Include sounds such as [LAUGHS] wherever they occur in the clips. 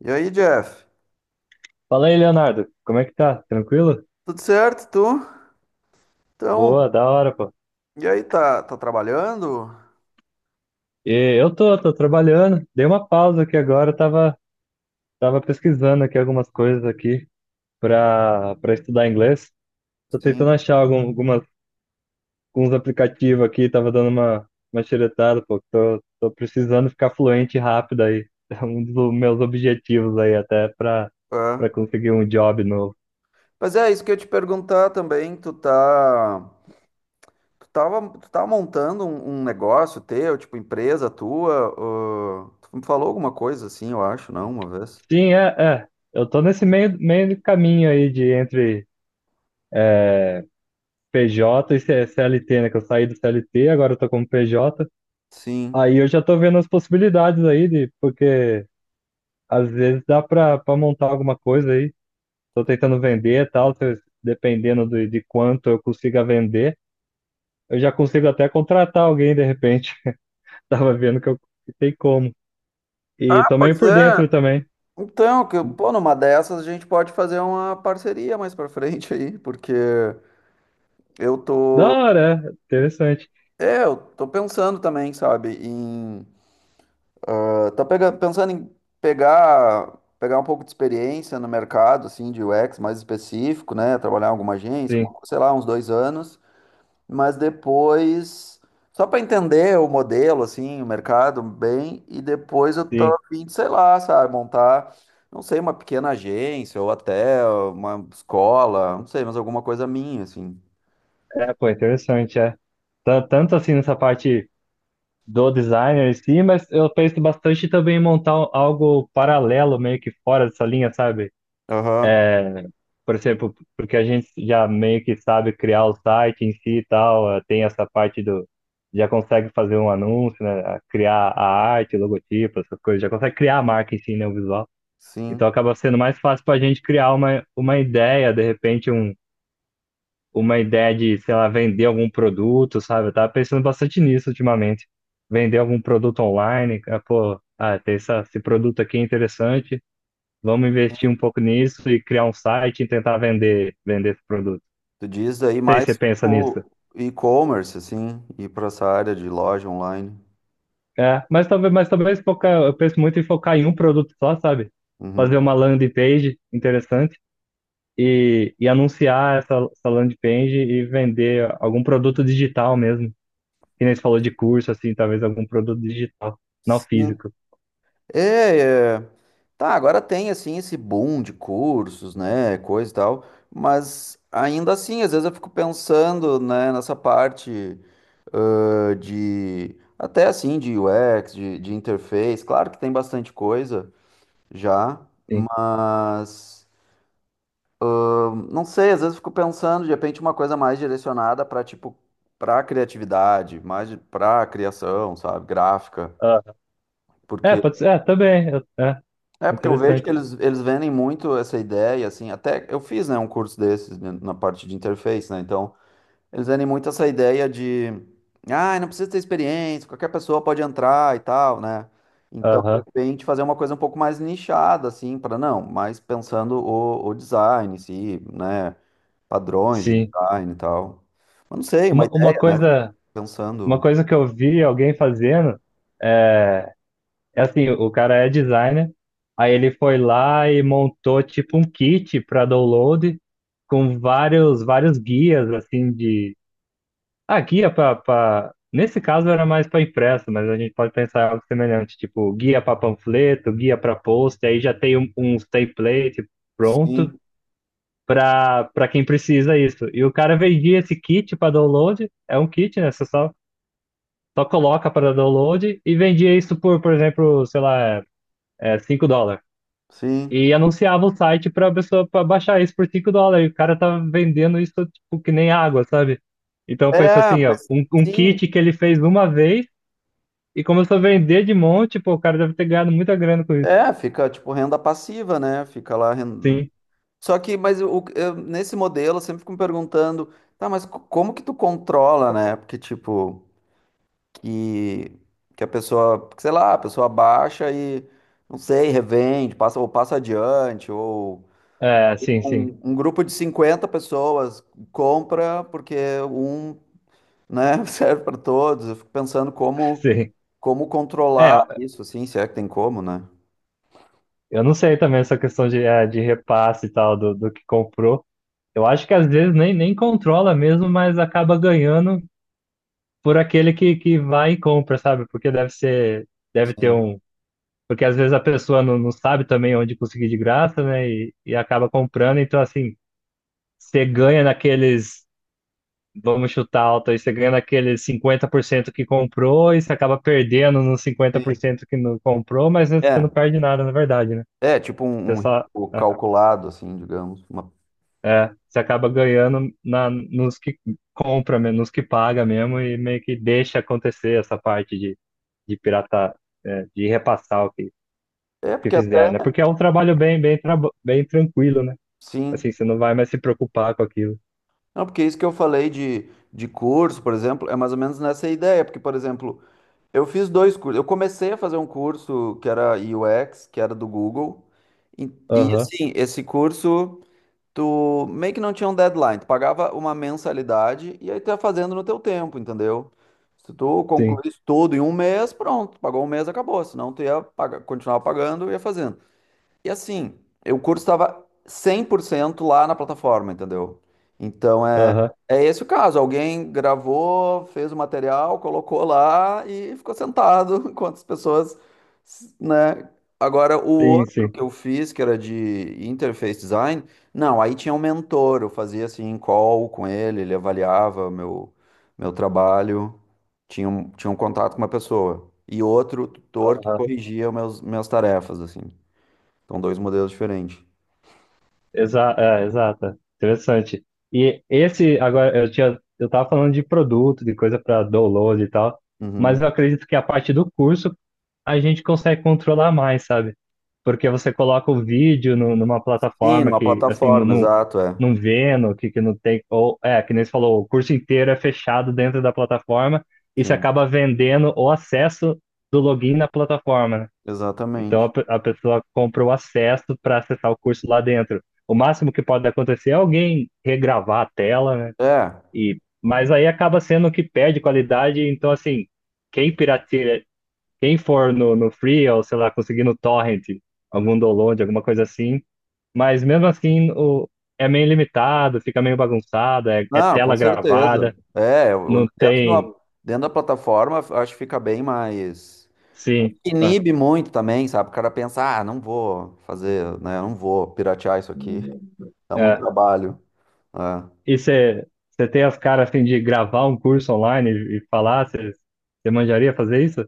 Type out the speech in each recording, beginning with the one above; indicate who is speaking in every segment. Speaker 1: E aí, Jeff?
Speaker 2: Fala aí, Leonardo. Como é que tá? Tranquilo?
Speaker 1: Tudo certo, tu?
Speaker 2: Boa,
Speaker 1: Então,
Speaker 2: da hora, pô.
Speaker 1: e aí, tá trabalhando?
Speaker 2: E eu tô trabalhando. Dei uma pausa aqui agora, tava pesquisando aqui algumas coisas aqui pra estudar inglês. Tô tentando
Speaker 1: Sim.
Speaker 2: achar algumas, alguns aplicativos aqui, tava dando uma xeretada, pô. Tô precisando ficar fluente rápido aí. [LAUGHS] É um dos meus objetivos aí,
Speaker 1: É.
Speaker 2: pra conseguir um job novo.
Speaker 1: Mas é isso que eu ia te perguntar também, tu tá montando um negócio teu, tipo empresa tua, tu me falou alguma coisa assim, eu acho, não, uma vez?
Speaker 2: Sim, é. Eu tô nesse meio de caminho aí de entre é, PJ e CLT, né? Que eu saí do CLT, agora eu tô como PJ.
Speaker 1: Sim.
Speaker 2: Aí eu já tô vendo as possibilidades aí, de, porque às vezes dá pra montar alguma coisa aí. Tô tentando vender e tal, se eu- dependendo de quanto eu consiga vender, eu já consigo até contratar alguém de repente. [LAUGHS] Tava vendo que tem como. E
Speaker 1: Ah,
Speaker 2: tô
Speaker 1: pois
Speaker 2: meio por
Speaker 1: é.
Speaker 2: dentro também.
Speaker 1: Então, que, pô, numa dessas a gente pode fazer uma parceria mais pra frente aí, porque eu
Speaker 2: Da
Speaker 1: tô,
Speaker 2: hora, é. Interessante.
Speaker 1: eu tô pensando também, sabe, em Tá pega- pensando em pegar um pouco de experiência no mercado, assim, de UX mais específico, né? Trabalhar em alguma agência, alguma
Speaker 2: Sim,
Speaker 1: coisa, sei lá, uns 2 anos, mas depois, só para entender o modelo, assim, o mercado bem, e depois eu tô a
Speaker 2: sim.
Speaker 1: fim de, sei lá, sabe, montar, não sei, uma pequena agência ou até uma escola, não sei, mas alguma coisa minha, assim.
Speaker 2: É, pô, interessante, é. Tanto assim nessa parte do designer em si, mas eu penso bastante também em montar algo paralelo, meio que fora dessa linha, sabe?
Speaker 1: Aham,
Speaker 2: Por exemplo, porque a gente já meio que sabe criar o site em si e tal, tem essa parte do. Já consegue fazer um anúncio, né? Criar a arte, logotipo, essas coisas, já consegue criar a marca em si, né? O visual. Então
Speaker 1: sim.
Speaker 2: acaba sendo mais fácil para a gente criar uma ideia, de repente, uma ideia de, sei lá, vender algum produto, sabe? Eu tava pensando bastante nisso ultimamente. Vender algum produto online, ah, pô, ah, tem esse produto aqui é interessante, vamos investir um
Speaker 1: Sim.
Speaker 2: pouco nisso e criar um site e tentar vender esse produto.
Speaker 1: Tu diz aí
Speaker 2: Não sei se
Speaker 1: mais
Speaker 2: você pensa nisso.
Speaker 1: o e-commerce, assim, ir para essa área de loja online.
Speaker 2: É, mas talvez focar, eu penso muito em focar em um produto só, sabe? Fazer
Speaker 1: Uhum.
Speaker 2: uma landing page interessante e anunciar essa landing page e vender algum produto digital mesmo. Que nem você falou de curso, assim, talvez algum produto digital, não
Speaker 1: Sim.
Speaker 2: físico.
Speaker 1: É, é. Tá, agora tem assim esse boom de cursos, né, coisa e tal, mas ainda assim, às vezes eu fico pensando, né, nessa parte, de até assim de UX, de interface, claro que tem bastante coisa já,
Speaker 2: Sim.
Speaker 1: mas ah, não sei, às vezes eu fico pensando, de repente uma coisa mais direcionada para tipo para criatividade, mais para criação, sabe, gráfica,
Speaker 2: Ah, é,
Speaker 1: porque
Speaker 2: pode ser, é, também,
Speaker 1: é porque eu vejo que
Speaker 2: interessante.
Speaker 1: eles vendem muito essa ideia, assim, até eu fiz, né, um curso desses, né, na parte de interface, né, então eles vendem muito essa ideia de, ah, não precisa ter experiência, qualquer pessoa pode entrar e tal, né, então de
Speaker 2: Aham,
Speaker 1: repente fazer uma coisa um pouco mais nichada, assim, para não, mas pensando o design em si, né, padrões de
Speaker 2: sim.
Speaker 1: design e tal, mas não sei, uma
Speaker 2: Uma, uma
Speaker 1: ideia, né,
Speaker 2: coisa, uma
Speaker 1: pensando,
Speaker 2: coisa que eu vi alguém fazendo é, é assim, o cara é designer, aí ele foi lá e montou tipo um kit para download com vários guias, assim, de aqui guia para. Nesse caso era mais para impresso, mas a gente pode pensar em algo semelhante, tipo guia para panfleto, guia para post, aí já tem uns template pronto
Speaker 1: sim,
Speaker 2: para quem precisa isso. E o cara vendia esse kit para download, é um kit, né? Você só, só coloca para download e vendia isso por exemplo, sei lá, é, 5 dólares.
Speaker 1: sim,
Speaker 2: E anunciava o site para a pessoa para baixar isso por 5 dólares. E o cara tá vendendo isso tipo que nem água, sabe? Então pensa
Speaker 1: é,
Speaker 2: assim,
Speaker 1: pois
Speaker 2: ó, um
Speaker 1: sim.
Speaker 2: kit que ele fez uma vez e começou a vender de monte, pô, o cara deve ter ganhado muita grana com isso.
Speaker 1: É, fica tipo renda passiva, né? Fica lá.
Speaker 2: Sim,
Speaker 1: Só que, mas nesse modelo, eu sempre fico me perguntando, tá, mas como que tu controla, né? Porque, tipo, que, que a pessoa, sei lá, a pessoa baixa e, não sei, revende, passa, ou passa adiante, ou
Speaker 2: é, sim, sim,
Speaker 1: um grupo de 50 pessoas compra porque um, né, [LAUGHS] serve para todos. Eu fico pensando
Speaker 2: [LAUGHS]
Speaker 1: como,
Speaker 2: sim.
Speaker 1: como
Speaker 2: É,
Speaker 1: controlar isso, assim, se é que tem como, né?
Speaker 2: eu não sei também essa questão de, é, de repasse e tal, do que comprou. Eu acho que às vezes nem controla mesmo, mas acaba ganhando por aquele que vai e compra, sabe? Porque deve ser, deve ter
Speaker 1: Sim.
Speaker 2: um. Porque às vezes a pessoa não sabe também onde conseguir de graça, né? E acaba comprando, então assim, você ganha naqueles. Vamos chutar alto aí. Você ganha naquele 50% que comprou e você acaba perdendo nos cinquenta por
Speaker 1: Sim.
Speaker 2: cento que não comprou, mas né, você
Speaker 1: É.
Speaker 2: não perde nada, na verdade, né?
Speaker 1: É, tipo um,
Speaker 2: Você
Speaker 1: um
Speaker 2: só.
Speaker 1: risco
Speaker 2: É,
Speaker 1: calculado, assim, digamos.
Speaker 2: é, você acaba ganhando nos que compra, mesmo, nos que paga mesmo, e meio que deixa acontecer essa parte de piratar é, de repassar
Speaker 1: É,
Speaker 2: que
Speaker 1: porque até,
Speaker 2: fizer, né? Porque é um trabalho bem, bem, bem tranquilo, né?
Speaker 1: sim.
Speaker 2: Assim, você não vai mais se preocupar com aquilo.
Speaker 1: Não, porque é isso que eu falei de curso, por exemplo, é mais ou menos nessa ideia. Porque, por exemplo, eu fiz dois cursos. Eu comecei a fazer um curso que era UX, que era do Google. E, e,
Speaker 2: Aham,
Speaker 1: assim, esse curso, tu meio que não tinha um deadline. Tu pagava uma mensalidade e aí tu ia fazendo no teu tempo, entendeu? Se tu
Speaker 2: sim.
Speaker 1: concluísse tudo em um mês, pronto. Pagou um mês, acabou. Senão tu ia pagar, continuar pagando e ia fazendo. E assim, o curso estava 100% lá na plataforma, entendeu? Então é,
Speaker 2: Aham,
Speaker 1: é esse o caso. Alguém gravou, fez o material, colocou lá e ficou sentado [LAUGHS] enquanto as pessoas, né? Agora, o
Speaker 2: sim,
Speaker 1: outro
Speaker 2: sim.
Speaker 1: que eu fiz, que era de interface design, não, aí tinha um mentor, eu fazia assim, call com ele, ele avaliava meu trabalho, tinha um contato com uma pessoa. E outro tutor que
Speaker 2: Aham.
Speaker 1: corrigia meus, minhas tarefas, assim. São dois modelos diferentes.
Speaker 2: Exata. Interessante. E esse, agora, eu tava falando de produto, de coisa para download e tal,
Speaker 1: Uhum.
Speaker 2: mas eu acredito que a parte do curso a gente consegue controlar mais, sabe? Porque você coloca o vídeo numa
Speaker 1: Sim,
Speaker 2: plataforma
Speaker 1: numa
Speaker 2: que, assim,
Speaker 1: plataforma, exato, é.
Speaker 2: não vendo, que não tem, ou, é, que nem você falou, o curso inteiro é fechado dentro da plataforma e você
Speaker 1: Sim,
Speaker 2: acaba vendendo o acesso do login na plataforma, né? Então
Speaker 1: exatamente.
Speaker 2: a pessoa compra o acesso para acessar o curso lá dentro. O máximo que pode acontecer é alguém regravar a tela, né?
Speaker 1: É.
Speaker 2: E, mas aí acaba sendo que perde qualidade. Então, assim, quem pirateia, quem for no Free ou sei lá, conseguir no Torrent, algum download, alguma coisa assim. Mas mesmo assim, o, é meio limitado, fica meio bagunçado, é, é
Speaker 1: Não, com
Speaker 2: tela
Speaker 1: certeza.
Speaker 2: gravada,
Speaker 1: É,
Speaker 2: não tem.
Speaker 1: dentro da plataforma, eu acho que fica bem mais.
Speaker 2: Sim, é,
Speaker 1: Inibe muito também, sabe? O cara pensa, ah, não vou fazer, né? Não vou piratear isso aqui. [LAUGHS] Dá muito
Speaker 2: é.
Speaker 1: trabalho. É.
Speaker 2: E você tem as caras assim de gravar um curso online e falar? Você manjaria fazer isso?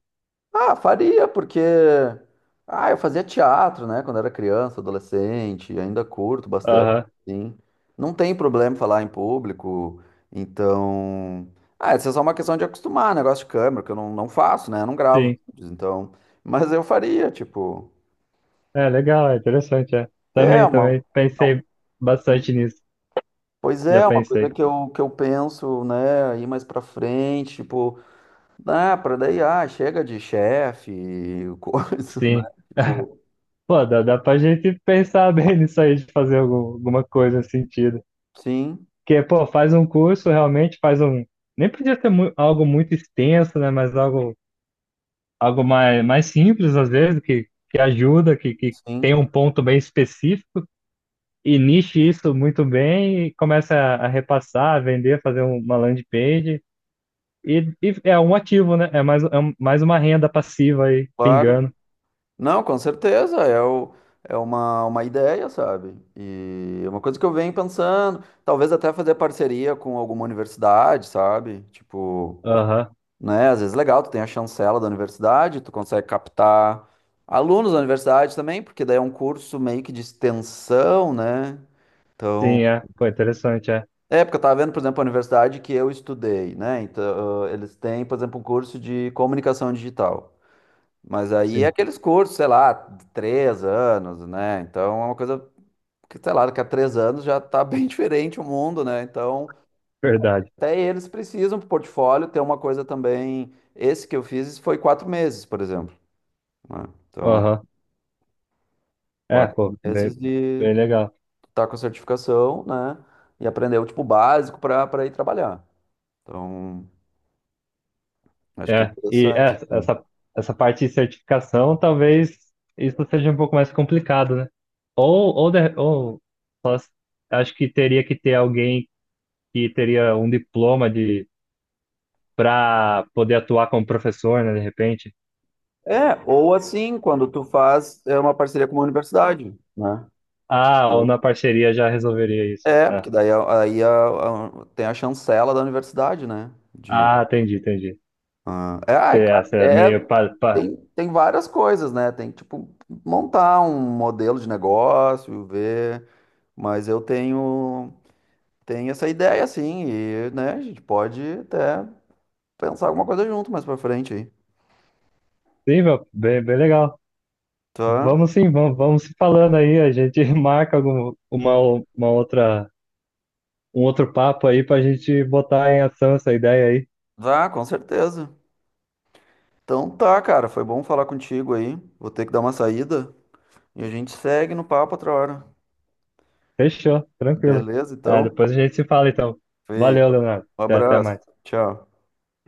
Speaker 1: Ah, faria, porque eu fazia teatro, né, quando era criança, adolescente, ainda curto bastante,
Speaker 2: Aham,
Speaker 1: sim. Não tem problema falar em público, então, isso é só uma questão de acostumar, negócio de câmera, que eu não faço, né, eu não gravo
Speaker 2: sim.
Speaker 1: vídeos, então, mas eu faria, tipo,
Speaker 2: É legal, é interessante, é.
Speaker 1: é
Speaker 2: Também,
Speaker 1: uma,
Speaker 2: também.
Speaker 1: não,
Speaker 2: Pensei bastante nisso.
Speaker 1: pois
Speaker 2: Já
Speaker 1: é, uma coisa
Speaker 2: pensei.
Speaker 1: que eu penso, né, ir mais pra frente, tipo, pra daí, chega de chefe, coisa, [LAUGHS] né,
Speaker 2: Sim.
Speaker 1: tipo,
Speaker 2: Pô, dá pra gente pensar [LAUGHS] bem nisso aí, de fazer alguma coisa nesse sentido.
Speaker 1: sim.
Speaker 2: Porque, pô, faz um curso, realmente faz um. Nem podia ser algo muito extenso, né? Mas algo, algo mais simples, às vezes, que ajuda, que
Speaker 1: Sim,
Speaker 2: tem um ponto bem específico e niche isso muito bem e começa a repassar, a vender, fazer uma landing page. E é um ativo, né? É mais, é mais uma renda passiva aí,
Speaker 1: claro.
Speaker 2: pingando.
Speaker 1: Não, com certeza, é, o, é uma ideia, sabe? E é uma coisa que eu venho pensando, talvez até fazer parceria com alguma universidade, sabe? Tipo,
Speaker 2: Aham,
Speaker 1: né, às vezes é legal, tu tem a chancela da universidade, tu consegue captar alunos da universidade também, porque daí é um curso meio que de extensão, né? Então,
Speaker 2: sim, é. Pô, interessante, é.
Speaker 1: é, porque eu tava vendo, por exemplo, a universidade que eu estudei, né? Então, eles têm, por exemplo, um curso de comunicação digital. Mas aí é
Speaker 2: Sim,
Speaker 1: aqueles cursos, sei lá, de 3 anos, né? Então é uma coisa que, sei lá, daqui a 3 anos já tá [LAUGHS] bem diferente o mundo, né? Então,
Speaker 2: verdade.
Speaker 1: até eles precisam pro portfólio ter uma coisa também. Esse que eu fiz foi 4 meses, por exemplo, né? Então,
Speaker 2: Aham. É,
Speaker 1: quatro
Speaker 2: pô, bem,
Speaker 1: meses de
Speaker 2: bem legal.
Speaker 1: tá com a certificação, né? E aprender o tipo básico para ir trabalhar. Então, acho que é
Speaker 2: E é,
Speaker 1: interessante, assim.
Speaker 2: essa, essa parte de certificação, talvez isso seja um pouco mais complicado, né? Ou, de- ou só- Acho que teria que ter alguém que teria um diploma de para poder atuar como professor, né, de repente.
Speaker 1: É, ou assim, quando tu faz é uma parceria com uma universidade, né?
Speaker 2: Ah, ou na parceria já resolveria isso.
Speaker 1: É,
Speaker 2: Ah,
Speaker 1: porque daí, aí tem a chancela da universidade, né? De,
Speaker 2: ah, entendi, entendi.
Speaker 1: é, ai, cara,
Speaker 2: Você
Speaker 1: é,
Speaker 2: é meio
Speaker 1: é,
Speaker 2: pa, pa...
Speaker 1: tem várias coisas, né? Tem que, tipo, montar um modelo de negócio, ver. Mas eu tenho essa ideia, assim, e, né, a gente pode até pensar alguma coisa junto mais pra frente aí.
Speaker 2: Sim, meu, bem, bem legal.
Speaker 1: Tá?
Speaker 2: Vamos sim, vamos se falando aí, a gente [LAUGHS] marca uma outra, um outro papo aí pra gente botar em ação essa ideia aí.
Speaker 1: Tá, com certeza. Então tá, cara, foi bom falar contigo aí. Vou ter que dar uma saída e a gente segue no papo outra hora.
Speaker 2: Fechou, tranquilo.
Speaker 1: Beleza,
Speaker 2: É,
Speaker 1: então?
Speaker 2: depois a gente se fala então. Valeu,
Speaker 1: Feito.
Speaker 2: Leonardo.
Speaker 1: Um
Speaker 2: Até
Speaker 1: abraço.
Speaker 2: mais.
Speaker 1: Tchau.